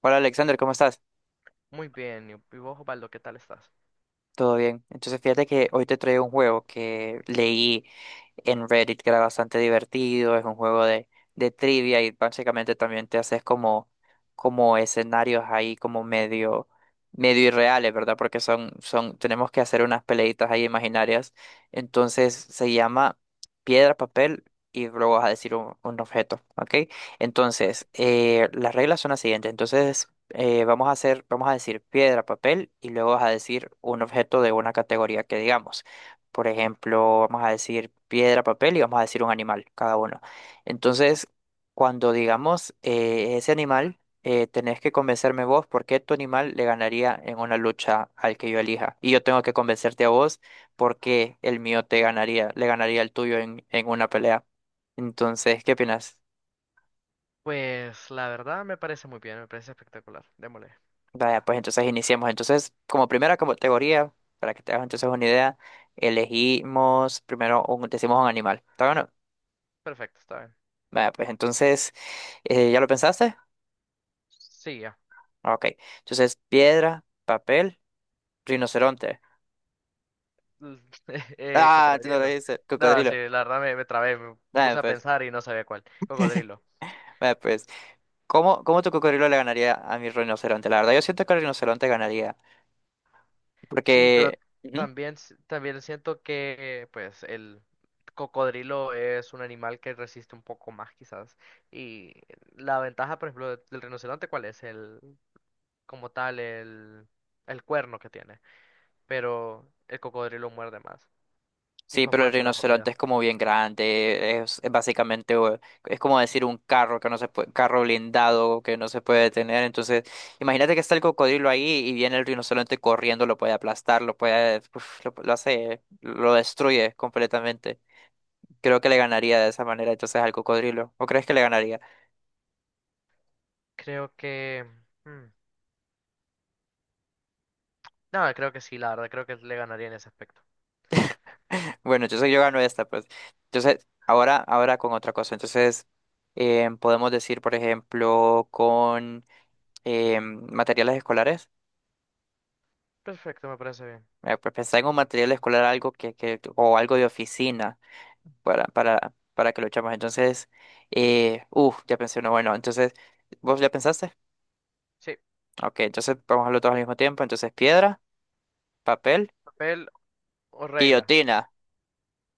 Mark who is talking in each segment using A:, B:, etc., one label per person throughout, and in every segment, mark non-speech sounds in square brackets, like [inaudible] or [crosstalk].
A: Hola Alexander, ¿cómo estás?
B: Muy bien, y vos, Osvaldo, ¿qué tal estás?
A: Todo bien. Entonces fíjate que hoy te traigo un juego que leí en Reddit que era bastante divertido, es un juego de trivia y básicamente también te haces como escenarios ahí como medio irreales, ¿verdad? Porque tenemos que hacer unas peleitas ahí imaginarias. Entonces se llama piedra, papel y luego vas a decir un objeto, ¿ok? Entonces,
B: Ok.
A: las reglas son las siguientes. Entonces, vamos a hacer, vamos a decir piedra, papel y luego vas a decir un objeto de una categoría que digamos. Por ejemplo, vamos a decir piedra, papel y vamos a decir un animal, cada uno. Entonces, cuando digamos ese animal, tenés que convencerme vos por qué tu animal le ganaría en una lucha al que yo elija. Y yo tengo que convencerte a vos por qué el mío te ganaría, le ganaría al tuyo en una pelea. Entonces, ¿qué opinas?
B: Pues la verdad me parece muy bien, me parece espectacular. Démosle.
A: Vaya, pues entonces iniciemos. Entonces, como primera categoría, para que te hagas entonces una idea, elegimos primero un, decimos un animal. ¿Está bueno?
B: Perfecto, está bien.
A: Vaya, pues entonces, ¿ya lo pensaste?
B: Sí, ya.
A: Ah, ok. Entonces, piedra, papel, rinoceronte.
B: [laughs]
A: Ah, tú no lo
B: Cocodrilo.
A: dices,
B: No, sí,
A: cocodrilo.
B: la verdad me trabé, me
A: Vaya,
B: puse a
A: pues,
B: pensar y no sabía cuál. Cocodrilo.
A: vaya, pues. ¿Cómo, cómo tu cocodrilo le ganaría a mi rinoceronte? La verdad, yo siento que el rinoceronte ganaría.
B: Sí, pero
A: Porque. Ujú.
B: también, también siento que pues el cocodrilo es un animal que resiste un poco más quizás. Y la ventaja, por ejemplo, del rinoceronte, ¿cuál es? El, como tal, el cuerno que tiene. Pero el cocodrilo muerde más. Y
A: Sí,
B: fue
A: pero el
B: fuerte la
A: rinoceronte
B: mordida.
A: es como bien grande, es básicamente, es como decir un carro que no se puede, carro blindado que no se puede detener. Entonces, imagínate que está el cocodrilo ahí y viene el rinoceronte corriendo, lo puede aplastar, lo puede, uf, lo hace, lo destruye completamente. Creo que le ganaría de esa manera entonces al cocodrilo. ¿O crees que le ganaría?
B: Creo que… mm, no, creo que sí, la verdad, creo que le ganaría en ese aspecto.
A: [laughs] Bueno, entonces yo gano esta, pues. Entonces, ahora con otra cosa. Entonces, podemos decir, por ejemplo, con materiales escolares.
B: Perfecto, me parece bien.
A: Pues pensar en un material escolar algo que o algo de oficina para que lo echamos. Entonces, ya pensé uno, bueno, entonces, ¿vos ya pensaste?
B: Sí,
A: Ok, entonces vamos a hacerlo todos al mismo tiempo. Entonces, piedra, papel,
B: papel o regla.
A: guillotina.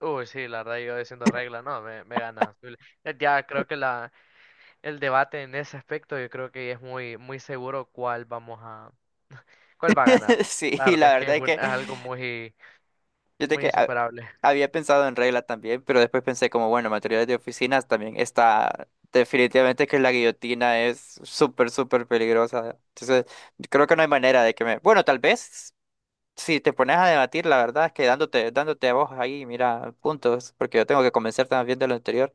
B: Uy, sí, la verdad, yo diciendo regla, no, me gana. Ya creo que el debate en ese aspecto, yo creo que es muy, muy seguro cuál cuál va a ganar.
A: [laughs] Sí,
B: La verdad
A: la
B: es que
A: verdad
B: es,
A: es que
B: es algo muy,
A: yo
B: muy insuperable.
A: había pensado en regla también, pero después pensé como, bueno, materiales de oficinas también está definitivamente que la guillotina es súper, súper peligrosa. Entonces, creo que no hay manera de que me... Bueno, tal vez. Si te pones a debatir, la verdad es que dándote a vos ahí, mira, puntos, porque yo tengo que convencer también de lo anterior.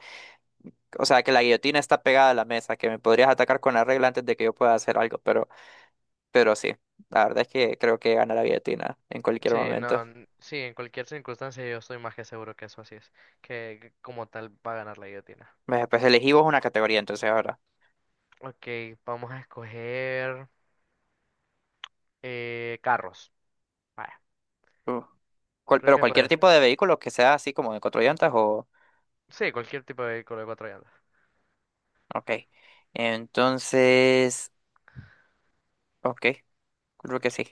A: O sea, que la guillotina está pegada a la mesa, que me podrías atacar con la regla antes de que yo pueda hacer algo, pero sí, la verdad es que creo que gana la guillotina en cualquier
B: Sí,
A: momento.
B: no, sí, en cualquier circunstancia yo estoy más que seguro que eso así es, que como tal va a ganar la guillotina.
A: Me- Pues elegí vos una categoría, entonces ahora.
B: Ok, vamos a escoger carros. Vaya,
A: Uh. Cual-
B: creo
A: pero
B: que
A: cualquier
B: puede
A: tipo
B: ser.
A: de vehículo que sea así como de cuatro llantas o...
B: Sí, cualquier tipo de vehículo de cuatro llantas.
A: Ok. Entonces... Ok, creo que sí.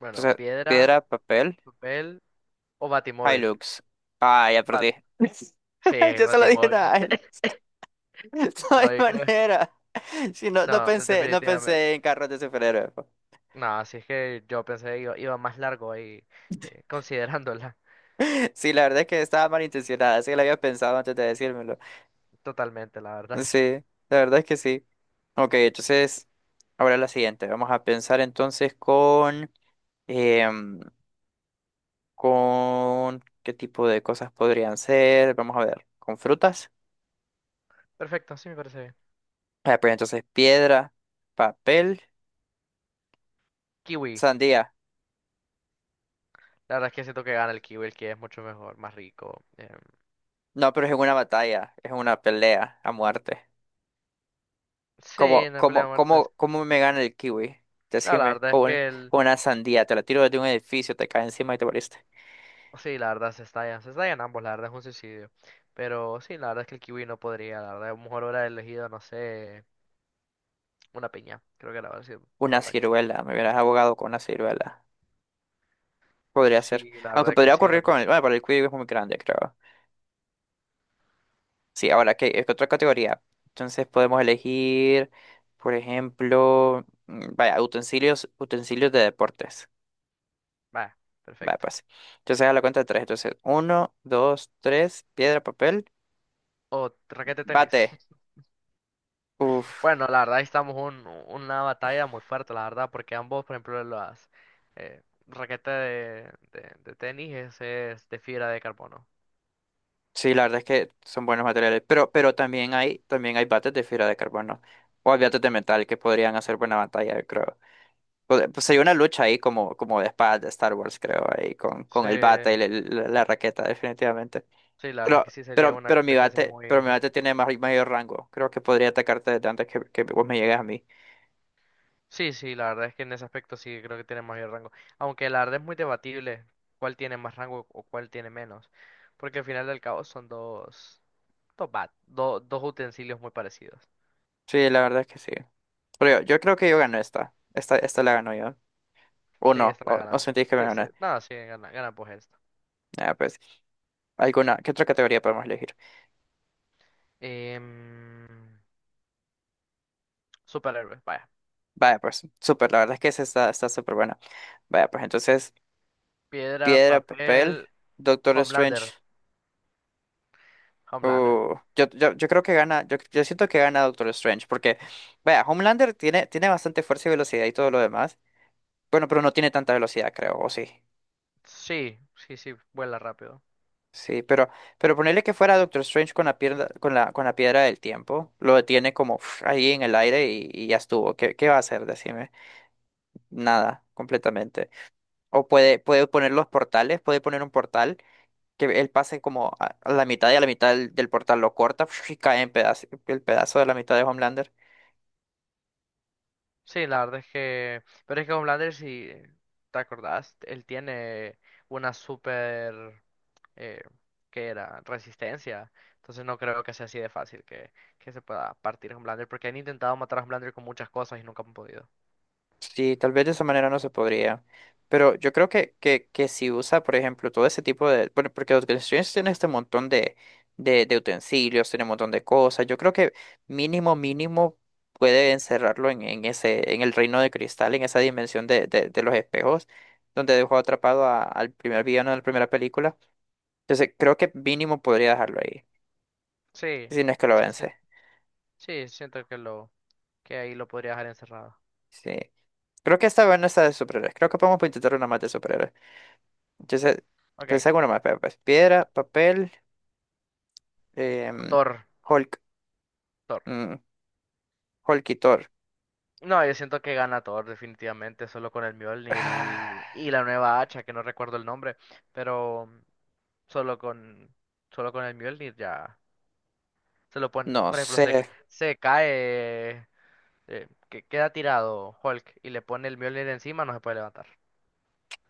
B: Bueno,
A: Entonces,
B: piedra,
A: piedra, papel.
B: papel o batimóvil.
A: Hilux. Ah, ya
B: Bat-
A: perdí. [laughs]
B: sí, el
A: Yo solo dije
B: batimóvil.
A: nada.
B: [laughs]
A: Hilux. [laughs] No
B: No,
A: hay
B: yo creo.
A: manera. Si no,
B: No,
A: no
B: definitivamente.
A: pensé en carros de superhéroes. Po.
B: No, así es que yo pensé que iba más largo ahí, considerándola
A: Sí, la verdad es que estaba malintencionada. Sí, que lo había pensado antes de decírmelo.
B: totalmente, la verdad.
A: Sí, la verdad es que sí. Ok, entonces, ahora la siguiente. Vamos a pensar entonces con, em, con qué tipo de cosas podrían ser. Vamos a ver, con frutas.
B: Perfecto, sí me parece bien.
A: Ah, pues entonces, piedra, papel,
B: Kiwi.
A: sandía.
B: La verdad es que siento que gana el kiwi, el que es mucho mejor, más rico.
A: No, pero es una batalla, es una pelea a muerte.
B: Sí, en la pelea de muertes.
A: ¿Cómo me gana el kiwi?
B: No, la
A: Decime,
B: verdad es que el…
A: con una sandía, te la tiro desde un edificio, te cae encima y te moriste.
B: Sí, la verdad se estallan. Se estallan ambos, la verdad es un suicidio. Pero sí, la verdad es que el kiwi no podría, la verdad. A lo mejor hubiera elegido, no sé, una piña. Creo que la verdad sido mejor
A: Una
B: táctica.
A: ciruela, me hubieras abogado con una ciruela. Podría ser.
B: Sí, la
A: Aunque
B: verdad es que
A: podría
B: sí era
A: ocurrir
B: otra
A: con el...
B: opción.
A: Bueno, pero el kiwi es muy grande, creo. Sí, ahora, ¿qué, es otra categoría? Entonces podemos elegir, por ejemplo, mm, vaya, utensilios de deportes.
B: Vaya,
A: Vaya,
B: perfecto.
A: pues. Entonces a la cuenta de tres. Entonces, uno, dos, tres, piedra, papel.
B: O raquete de tenis.
A: Bate.
B: [laughs]
A: Uf.
B: Bueno, la verdad ahí estamos en una batalla muy fuerte, la verdad, porque ambos, por ejemplo, las… raqueta de tenis es de fibra de carbono.
A: Sí, la verdad es que son buenos materiales. Pero también hay bates de fibra de carbono. O hay bates de metal que podrían hacer buena batalla, yo creo. Pod- Pues sería una lucha ahí como de espadas de Star Wars, creo, ahí
B: Sí,
A: con el bate y la raqueta, definitivamente.
B: sí, la verdad es
A: Pero,
B: que sí sería una competencia muy
A: pero mi
B: justa.
A: bate tiene más, mayor rango. Creo que podría atacarte desde antes que vos me llegues a mí.
B: Sí, sí, la verdad es que en ese aspecto sí creo que tiene mayor rango. Aunque la verdad es muy debatible cuál tiene más rango o cuál tiene menos. Porque al final del cabo son dos utensilios muy parecidos.
A: Sí, la verdad es que sí. Pero yo creo que yo gano esta. Esta la gano yo. O
B: Sí,
A: no,
B: esta la
A: o
B: ganas.
A: sentís que me
B: Sí, sí.
A: gané.
B: No, sí, gana, gana pues esto.
A: Ah, pues. ¿Alguna? ¿Qué otra categoría podemos elegir?
B: Em, superhéroes, vaya.
A: Vaya, pues, súper, la verdad es que esa está, está súper buena. Vaya, pues entonces,
B: Piedra,
A: piedra, papel,
B: papel,
A: Doctor Strange.
B: Homelander. Homelander.
A: Yo creo que gana, yo siento que gana Doctor Strange, porque, vaya, Homelander tiene, tiene bastante fuerza y velocidad y todo lo demás. Bueno, pero no tiene tanta velocidad, creo, o sí.
B: Sí, sí, sí, vuela rápido.
A: Sí, pero ponerle que fuera Doctor Strange con la piedra, con con la piedra del tiempo, lo detiene como uf, ahí en el aire y ya estuvo. ¿Qué, qué va a hacer? Decime. Nada, completamente. O puede poner los portales, puede poner un portal que él pase como a la mitad y a la mitad del portal lo corta [laughs] y cae en pedazo, el pedazo de la mitad de Homelander.
B: Sí, la verdad es que. Pero es que con Blanders, si te acordás, él tiene una super. Eh, ¿Qué era? Resistencia. Entonces no creo que sea así de fácil que se pueda partir con Blanders, porque han intentado matar a Blanders con muchas cosas y nunca han podido.
A: Sí, tal vez de esa manera no se podría. Pero yo creo que si usa, por ejemplo, todo ese tipo de... bueno, porque Doctor Strange tiene este montón de utensilios, tiene un montón de cosas. Yo creo que mínimo, mínimo puede encerrarlo en ese, en el reino de cristal, en esa dimensión de los espejos, donde dejó atrapado a- al primer villano de la primera película. Entonces, creo que mínimo podría dejarlo ahí.
B: Sí,
A: Si no es que lo
B: sí, sí,
A: vence.
B: sí, siento que ahí lo podría dejar encerrado.
A: Sí. Creo que esta vez no está de superhéroes. Creo que podemos intentar una más de superhéroes. Entonces,
B: Ok,
A: pensé en una más. Pero, pues, piedra, papel, em,
B: Thor,
A: Hulk.
B: Thor.
A: Mm, Hulk y Thor.
B: No, yo siento que gana Thor definitivamente, solo con el
A: [sighs]
B: Mjolnir y
A: Ah,
B: la nueva hacha, que no recuerdo el nombre, pero solo con, solo con el Mjolnir ya se lo pone.
A: no
B: Por ejemplo, se,
A: sé.
B: se cae, que queda tirado Hulk y le pone el Mjolnir encima, no se puede levantar.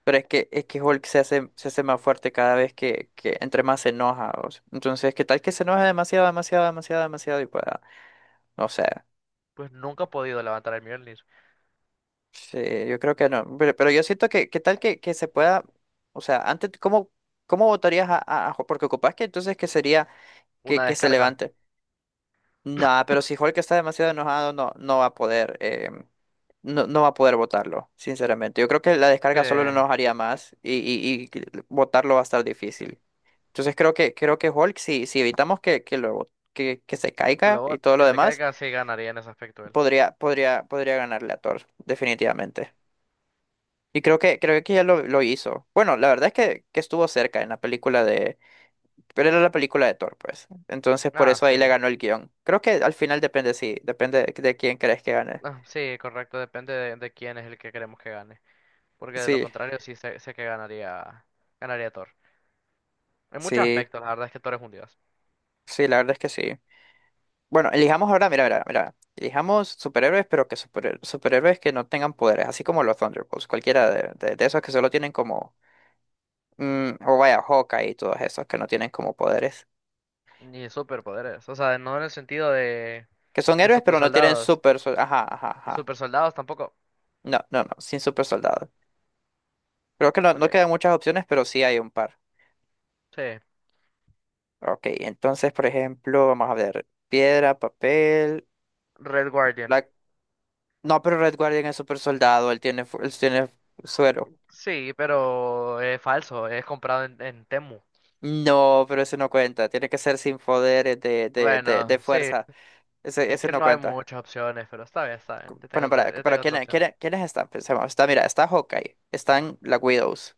A: Pero es que Hulk se hace más fuerte cada vez que entre más se enoja. O sea, entonces, ¿qué tal que se enoja demasiado, demasiado, demasiado, demasiado? Y pueda. No sé.
B: Pues nunca ha podido levantar el Mjolnir.
A: Sí, yo creo que no. Pero yo siento que, ¿qué tal que se pueda, o sea, antes, ¿cómo, cómo votarías a, a Hulk? Porque ocupas que entonces que sería
B: Una
A: que se
B: descarga.
A: levante. Nah, pero si Hulk está demasiado enojado, no va a poder, no va a poder votarlo, sinceramente. Yo creo que la descarga solo lo
B: Se,
A: enojaría más y, y que votarlo va a estar difícil. Entonces creo que Hulk, si, si evitamos que lo que se caiga y
B: lo
A: todo lo
B: que se
A: demás,
B: caiga sí ganaría en ese aspecto él.
A: podría ganarle a Thor, definitivamente. Y creo que ya lo hizo. Bueno, la verdad es que estuvo cerca en la película de... Pero era la película de Thor, pues. Entonces por
B: Ah,
A: eso ahí le
B: sí.
A: ganó el guión. Creo que al final depende, sí. Depende de quién crees que gane.
B: Ah, sí, correcto. Depende de quién es el que queremos que gane. Porque de lo
A: Sí,
B: contrario sí sé, sé que ganaría, ganaría Thor. En muchos
A: sí,
B: aspectos, la verdad es que Thor es un dios.
A: sí, la verdad es que sí. Bueno, elijamos ahora, mira, mira, mira. Elijamos superhéroes, pero que superhéroes que no tengan poderes, así como los Thunderbolts. Cualquiera de, de esos que solo tienen como... mm, o vaya, Hawkeye y todos esos que no tienen como poderes.
B: Ni superpoderes. O sea, no en el sentido
A: Que son
B: de
A: héroes,
B: super.
A: pero no tienen super... Sol- ajá, ajá,
B: ¿Y
A: ajá.
B: super soldados tampoco?
A: No, no, no, sin super soldado. Creo que no,
B: Ok,
A: no quedan muchas opciones, pero sí hay un par.
B: sí.
A: Ok, entonces, por ejemplo, vamos a ver. Piedra, papel.
B: Red Guardian.
A: Black... No, pero Red Guardian es super soldado, él tiene, él tiene suero.
B: Sí, pero es falso, es comprado en Temu.
A: No, pero ese no cuenta. Tiene que ser sin poderes de
B: Bueno, sí,
A: fuerza.
B: es
A: Ese
B: que
A: no
B: no hay
A: cuenta.
B: muchas opciones, pero está bien, está bien.
A: Cu- Bueno,
B: Yo
A: para
B: tengo
A: ¿quién,
B: otra opción.
A: quiénes están? Pensemos. Está, mira, está Hawkeye. Están la Widows.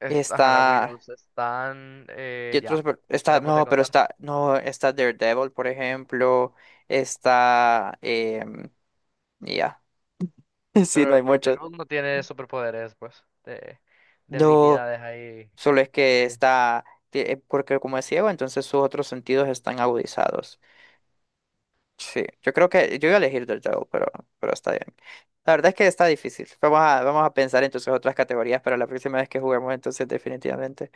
B: Es, ajá, las
A: Está.
B: Widows están,
A: ¿Qué otro
B: ya,
A: super- Está.
B: haremos de
A: No, pero
B: contar.
A: está. No, está Daredevil, por ejemplo. Está. Em, ya. [laughs] Sí, no
B: Pero
A: hay
B: Red
A: mucho.
B: Devil no tiene superpoderes, pues, de
A: No,
B: habilidades ahí.
A: solo es que
B: eh,
A: está, porque como es ciego, entonces sus otros sentidos están agudizados. Sí, yo creo que yo voy a elegir del Drago, pero está bien. La verdad es que está difícil. Vamos a, vamos a pensar entonces otras categorías para la próxima vez que juguemos, entonces definitivamente.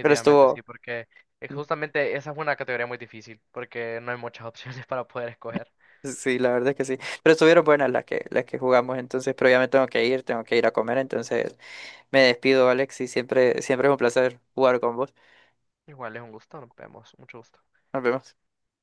A: Pero
B: sí,
A: estuvo,
B: porque
A: mm,
B: justamente esa es una categoría muy difícil, porque no hay muchas [laughs] opciones para poder escoger.
A: sí, la verdad es que sí. Pero estuvieron buenas las que jugamos, entonces, pero ya me tengo que ir a comer, entonces me despido, Alex, y siempre, siempre es un placer jugar con vos.
B: Igual es un gusto, nos vemos. Mucho gusto.
A: Nos vemos.